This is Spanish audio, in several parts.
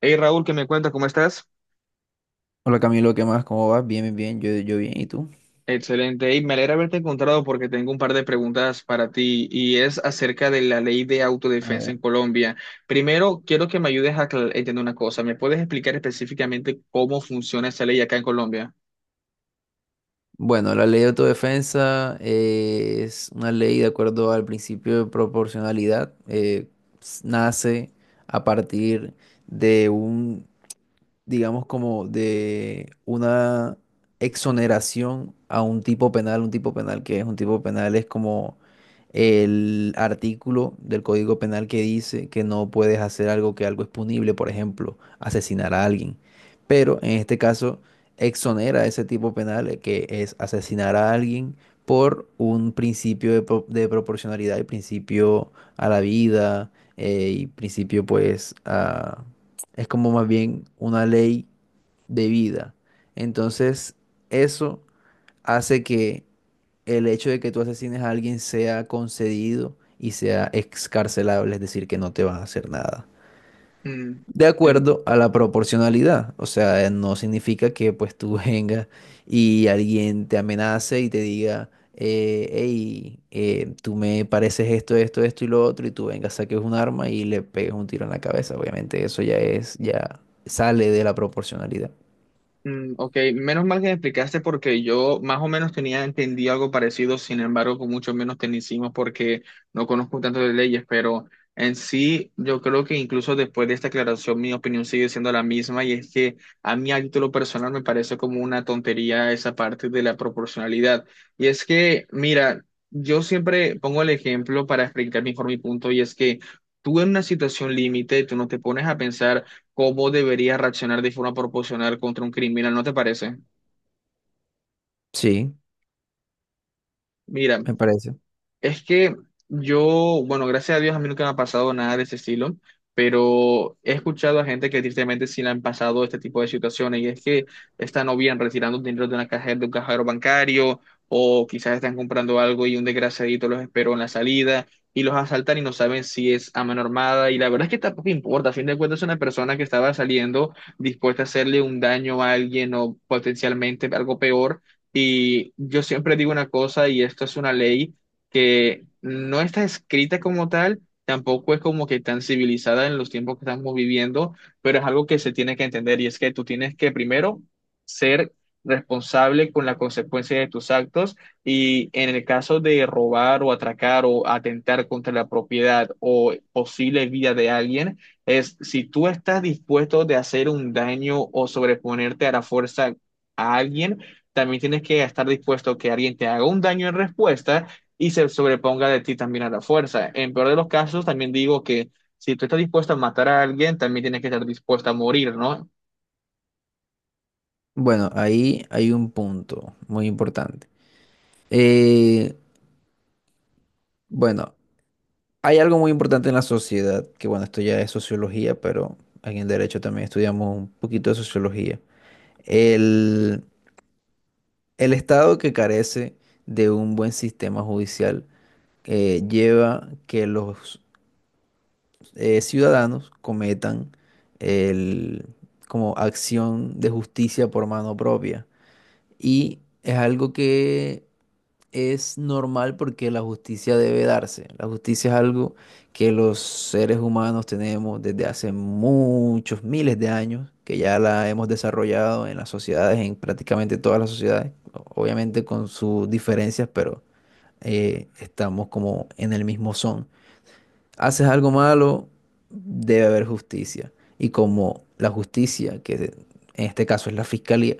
Hey Raúl, ¿qué me cuentas? ¿Cómo estás? Hola Camilo, ¿qué más? ¿Cómo vas? Bien, bien, bien. Yo bien, ¿y tú? Excelente. Hey, me alegra haberte encontrado porque tengo un par de preguntas para ti y es acerca de la ley de A autodefensa ver. en Colombia. Primero, quiero que me ayudes a entender una cosa. ¿Me puedes explicar específicamente cómo funciona esa ley acá en Colombia? Bueno, la ley de autodefensa es una ley de acuerdo al principio de proporcionalidad. Nace a partir de un, digamos, como de una, exoneración a un tipo penal. Un tipo penal, que es un tipo penal, es como el artículo del Código Penal que dice que no puedes hacer algo, que algo es punible, por ejemplo, asesinar a alguien. Pero en este caso, exonera ese tipo penal, que es asesinar a alguien, por un principio de, de proporcionalidad y principio a la vida, y principio pues a, es como más bien una ley de vida. Entonces, eso hace que el hecho de que tú asesines a alguien sea concedido y sea excarcelable, es decir, que no te van a hacer nada Mm, de en- acuerdo a la proporcionalidad. O sea, no significa que pues tú vengas y alguien te amenace y te diga, tú me pareces esto, esto, esto y lo otro, y tú vengas, saques un arma y le pegues un tiro en la cabeza. Obviamente eso ya es, ya sale de la proporcionalidad. Mm, ok, menos mal que me explicaste porque yo más o menos tenía entendido algo parecido, sin embargo, con mucho menos tecnicismo porque no conozco tanto de leyes, pero en sí yo creo que incluso después de esta aclaración mi opinión sigue siendo la misma y es que a mí a título personal me parece como una tontería esa parte de la proporcionalidad. Y es que, mira, yo siempre pongo el ejemplo para explicar mejor mi punto y es que tú en una situación límite, tú no te pones a pensar cómo debería reaccionar de forma proporcional contra un criminal, ¿no te parece? Sí, Mira, me parece. es que yo, bueno, gracias a Dios a mí nunca me ha pasado nada de ese estilo, pero he escuchado a gente que tristemente sí le han pasado este tipo de situaciones y es que están o bien retirando dinero de una cajera, de un cajero bancario o quizás están comprando algo y un desgraciadito los esperó en la salida y los asaltan y no saben si es a mano armada y la verdad es que tampoco importa, a fin de cuentas es una persona que estaba saliendo dispuesta a hacerle un daño a alguien o potencialmente algo peor. Y yo siempre digo una cosa, y esto es una ley que no está escrita como tal, tampoco es como que tan civilizada en los tiempos que estamos viviendo, pero es algo que se tiene que entender, y es que tú tienes que primero ser responsable con la consecuencia de tus actos, y en el caso de robar o atracar o atentar contra la propiedad o posible vida de alguien, es si tú estás dispuesto de hacer un daño o sobreponerte a la fuerza a alguien, también tienes que estar dispuesto que alguien te haga un daño en respuesta y se sobreponga de ti también a la fuerza. En peor de los casos, también digo que si tú estás dispuesto a matar a alguien, también tienes que estar dispuesto a morir, ¿no? Bueno, ahí hay un punto muy importante. Eh, bueno, Hay algo muy importante en la sociedad, que bueno, esto ya es sociología, pero aquí en derecho también estudiamos un poquito de sociología. El, el Estado que carece de un buen sistema judicial lleva que los ciudadanos cometan el, como acción de justicia por mano propia. Y es algo que es normal porque la justicia debe darse. La justicia es algo que los seres humanos tenemos desde hace muchos miles de años, que ya la hemos desarrollado en las sociedades, en prácticamente todas las sociedades, obviamente con sus diferencias, pero estamos como en el mismo son. Haces algo malo, debe haber justicia. Y como la justicia, que en este caso es la fiscalía,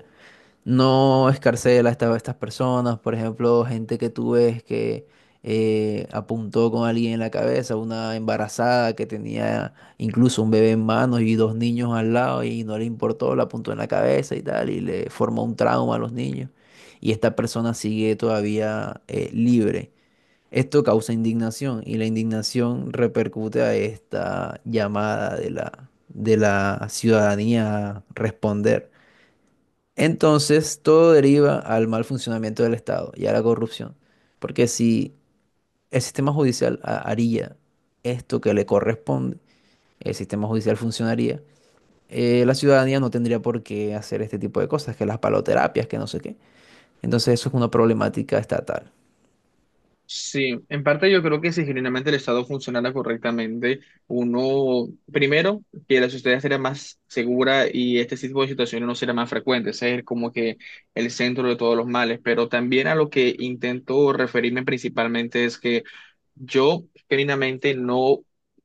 no escarcela a a estas personas. Por ejemplo, gente que tú ves que apuntó con alguien en la cabeza, una embarazada que tenía incluso un bebé en manos y dos niños al lado y no le importó, la apuntó en la cabeza y tal, y le formó un trauma a los niños. Y esta persona sigue todavía libre. Esto causa indignación y la indignación repercute a esta llamada de la ciudadanía a responder. Entonces, todo deriva al mal funcionamiento del Estado y a la corrupción. Porque si el sistema judicial haría esto que le corresponde, el sistema judicial funcionaría, la ciudadanía no tendría por qué hacer este tipo de cosas, que las paloterapias, que no sé qué. Entonces, eso es una problemática estatal. Sí, en parte yo creo que si genuinamente el Estado funcionara correctamente, uno, primero, que la sociedad sería más segura y este tipo de situaciones no sería más frecuentes, es como que el centro de todos los males, pero también a lo que intento referirme principalmente es que yo genuinamente no,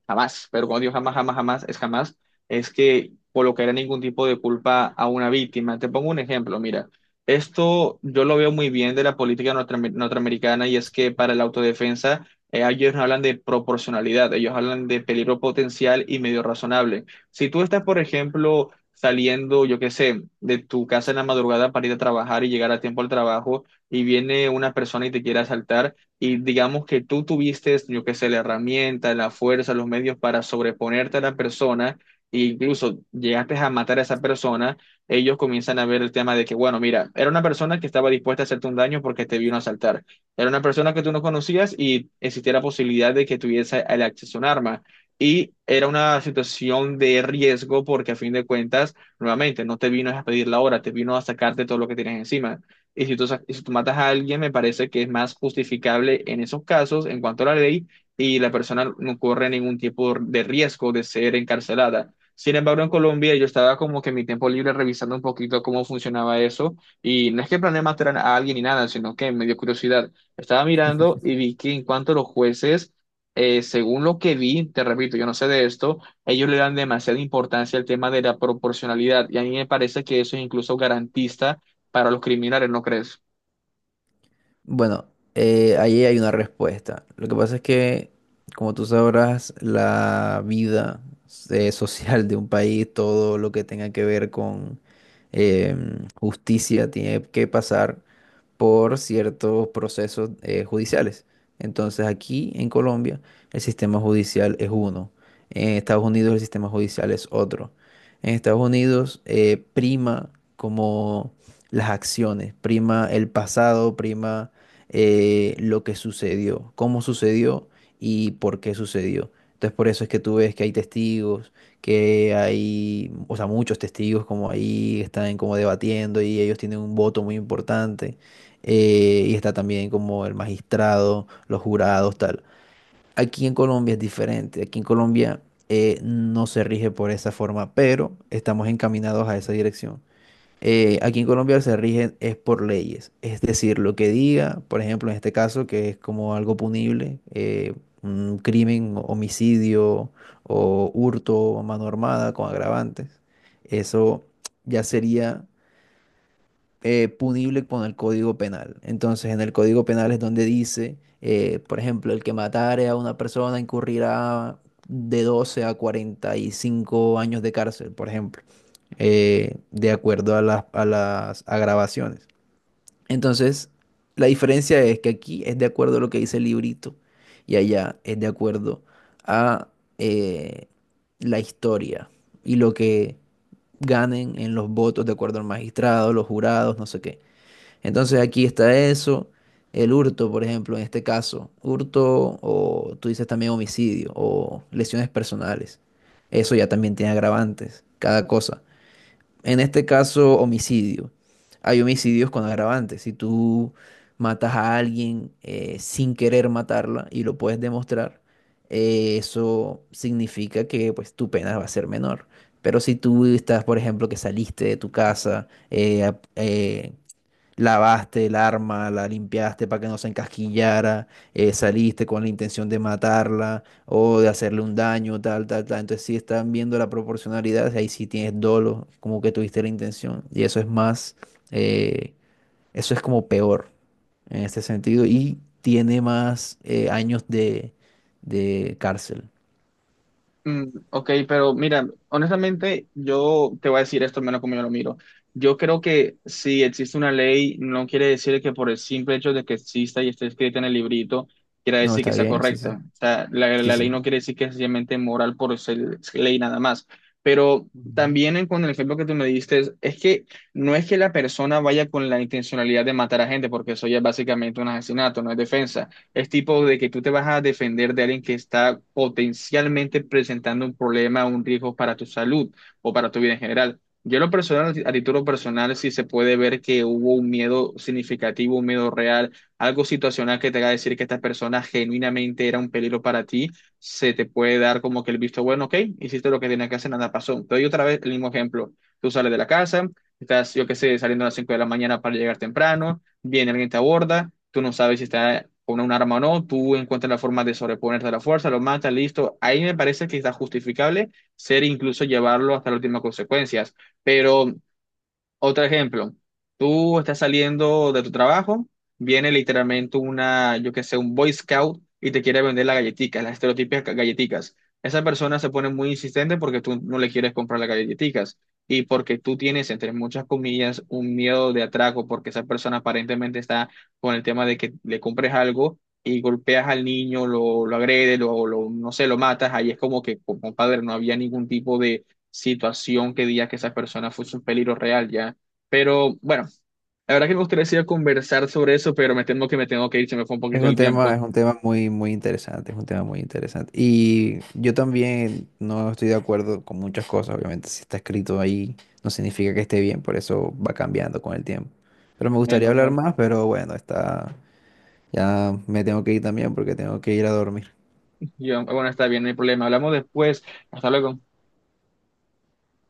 jamás, pero cuando digo jamás, jamás, jamás, es jamás, es que colocaría ningún tipo de culpa a una víctima. Te pongo un ejemplo, mira. Esto yo lo veo muy bien de la política norteamericana, y es que para la autodefensa ellos no hablan de proporcionalidad, ellos hablan de peligro potencial y medio razonable. Si tú estás, por ejemplo, saliendo, yo qué sé, de tu casa en la madrugada para ir a trabajar y llegar a tiempo al trabajo, y viene una persona y te quiere asaltar y digamos que tú tuviste, yo qué sé, la herramienta, la fuerza, los medios para sobreponerte a la persona e incluso llegaste a matar a esa persona, ellos comienzan a ver el tema de que, bueno, mira, era una persona que estaba dispuesta a hacerte un daño porque te vino a asaltar. Era una persona que tú no conocías y existía la posibilidad de que tuviese el acceso a un arma. Y era una situación de riesgo porque a fin de cuentas, nuevamente, no te vino a pedir la hora, te vino a sacarte todo lo que tienes encima. Y si tú, y si tú matas a alguien, me parece que es más justificable en esos casos en cuanto a la ley, y la persona no corre ningún tipo de riesgo de ser encarcelada. Sin embargo, en Colombia yo estaba como que en mi tiempo libre revisando un poquito cómo funcionaba eso, y no es que planeé matar a alguien ni nada, sino que me dio curiosidad. Estaba mirando y vi que en cuanto a los jueces, según lo que vi, te repito, yo no sé de esto, ellos le dan demasiada importancia al tema de la proporcionalidad y a mí me parece que eso es incluso garantista para los criminales, ¿no crees? Bueno, ahí hay una respuesta. Lo que pasa es que, como tú sabrás, la vida social de un país, todo lo que tenga que ver con justicia, tiene que pasar por ciertos procesos judiciales. Entonces aquí en Colombia el sistema judicial es uno, en Estados Unidos el sistema judicial es otro. En Estados Unidos prima como las acciones, prima el pasado, prima lo que sucedió, cómo sucedió y por qué sucedió. Entonces por eso es que tú ves que hay testigos, que hay, o sea, muchos testigos como ahí están como debatiendo y ellos tienen un voto muy importante, y está también como el magistrado, los jurados, tal. Aquí en Colombia es diferente, aquí en Colombia no se rige por esa forma, pero estamos encaminados a esa dirección. Aquí en Colombia se rige es por leyes, es decir, lo que diga, por ejemplo, en este caso, que es como algo punible, un crimen, homicidio o hurto, mano armada con agravantes, eso ya sería punible con el Código Penal. Entonces, en el Código Penal es donde dice, por ejemplo, el que matare a una persona incurrirá de 12 a 45 años de cárcel, por ejemplo, de acuerdo a las agravaciones. Entonces, la diferencia es que aquí es de acuerdo a lo que dice el librito y allá es de acuerdo a eh, la historia y lo que ganen en los votos de acuerdo al magistrado, los jurados, no sé qué. Entonces aquí está eso, el hurto, por ejemplo, en este caso, hurto o tú dices también homicidio o lesiones personales. Eso ya también tiene agravantes, cada cosa. En este caso, homicidio. Hay homicidios con agravantes. Si tú matas a alguien sin querer matarla y lo puedes demostrar, eso significa que pues tu pena va a ser menor. Pero si tú estás, por ejemplo, que saliste de tu casa, lavaste el arma, la limpiaste para que no se encasquillara, saliste con la intención de matarla o de hacerle un daño, tal, tal, tal. Entonces, si están viendo la proporcionalidad, ahí sí tienes dolo, como que tuviste la intención. Y eso es más, eh, eso es como peor en este sentido y tiene más años de cárcel. Mm, ok, pero mira, honestamente, yo te voy a decir esto, al menos como yo lo miro. Yo creo que si existe una ley, no quiere decir que por el simple hecho de que exista y esté escrita en el librito, quiera No, decir que está sea bien, sí, sí. correcta. O sea, la, Sí, la ley no sí. quiere decir que es sencillamente moral por ser ley nada más. Pero Ujú. también con el ejemplo que tú me diste, es que no es que la persona vaya con la intencionalidad de matar a gente, porque eso ya es básicamente un asesinato, no es defensa. Es tipo de que tú te vas a defender de alguien que está potencialmente presentando un problema, un riesgo para tu salud o para tu vida en general. Yo en lo personal, a título personal, sí se puede ver que hubo un miedo significativo, un miedo real, algo situacional que te haga decir que esta persona genuinamente era un peligro para ti, se te puede dar como que el visto bueno, ok, hiciste lo que tenías que hacer, nada pasó. Te doy otra vez el mismo ejemplo. Tú sales de la casa, estás, yo qué sé, saliendo a las 5 de la mañana para llegar temprano, viene alguien, te aborda, tú no sabes si está con un arma o no, tú encuentras la forma de sobreponerte a la fuerza, lo mata, listo. Ahí me parece que está justificable ser incluso llevarlo hasta las últimas consecuencias, pero otro ejemplo, tú estás saliendo de tu trabajo, viene literalmente una, yo que sé, un Boy Scout y te quiere vender las galletitas, las estereotípicas galletitas. Esa persona se pone muy insistente porque tú no le quieres comprar las galletitas y porque tú tienes, entre muchas comillas, un miedo de atraco porque esa persona aparentemente está con el tema de que le compres algo, y golpeas al niño, lo agredes, lo, no sé, lo matas. Ahí es como que, compadre, no había ningún tipo situación que diga que esa persona fuese un peligro real ya. Pero bueno, la verdad que me gustaría seguir conversar sobre eso, pero me temo que me tengo que ir, se me fue un poquito el tiempo. Es un tema muy, muy interesante, es un tema muy interesante. Y yo también no estoy de acuerdo con muchas cosas, obviamente, si está escrito ahí no significa que esté bien, por eso va cambiando con el tiempo. Pero me gustaría Menos hablar mal. más, pero bueno, está, ya me tengo que ir también porque tengo que ir a dormir. Yo, bueno, está bien, no hay problema. Hablamos después. Hasta luego.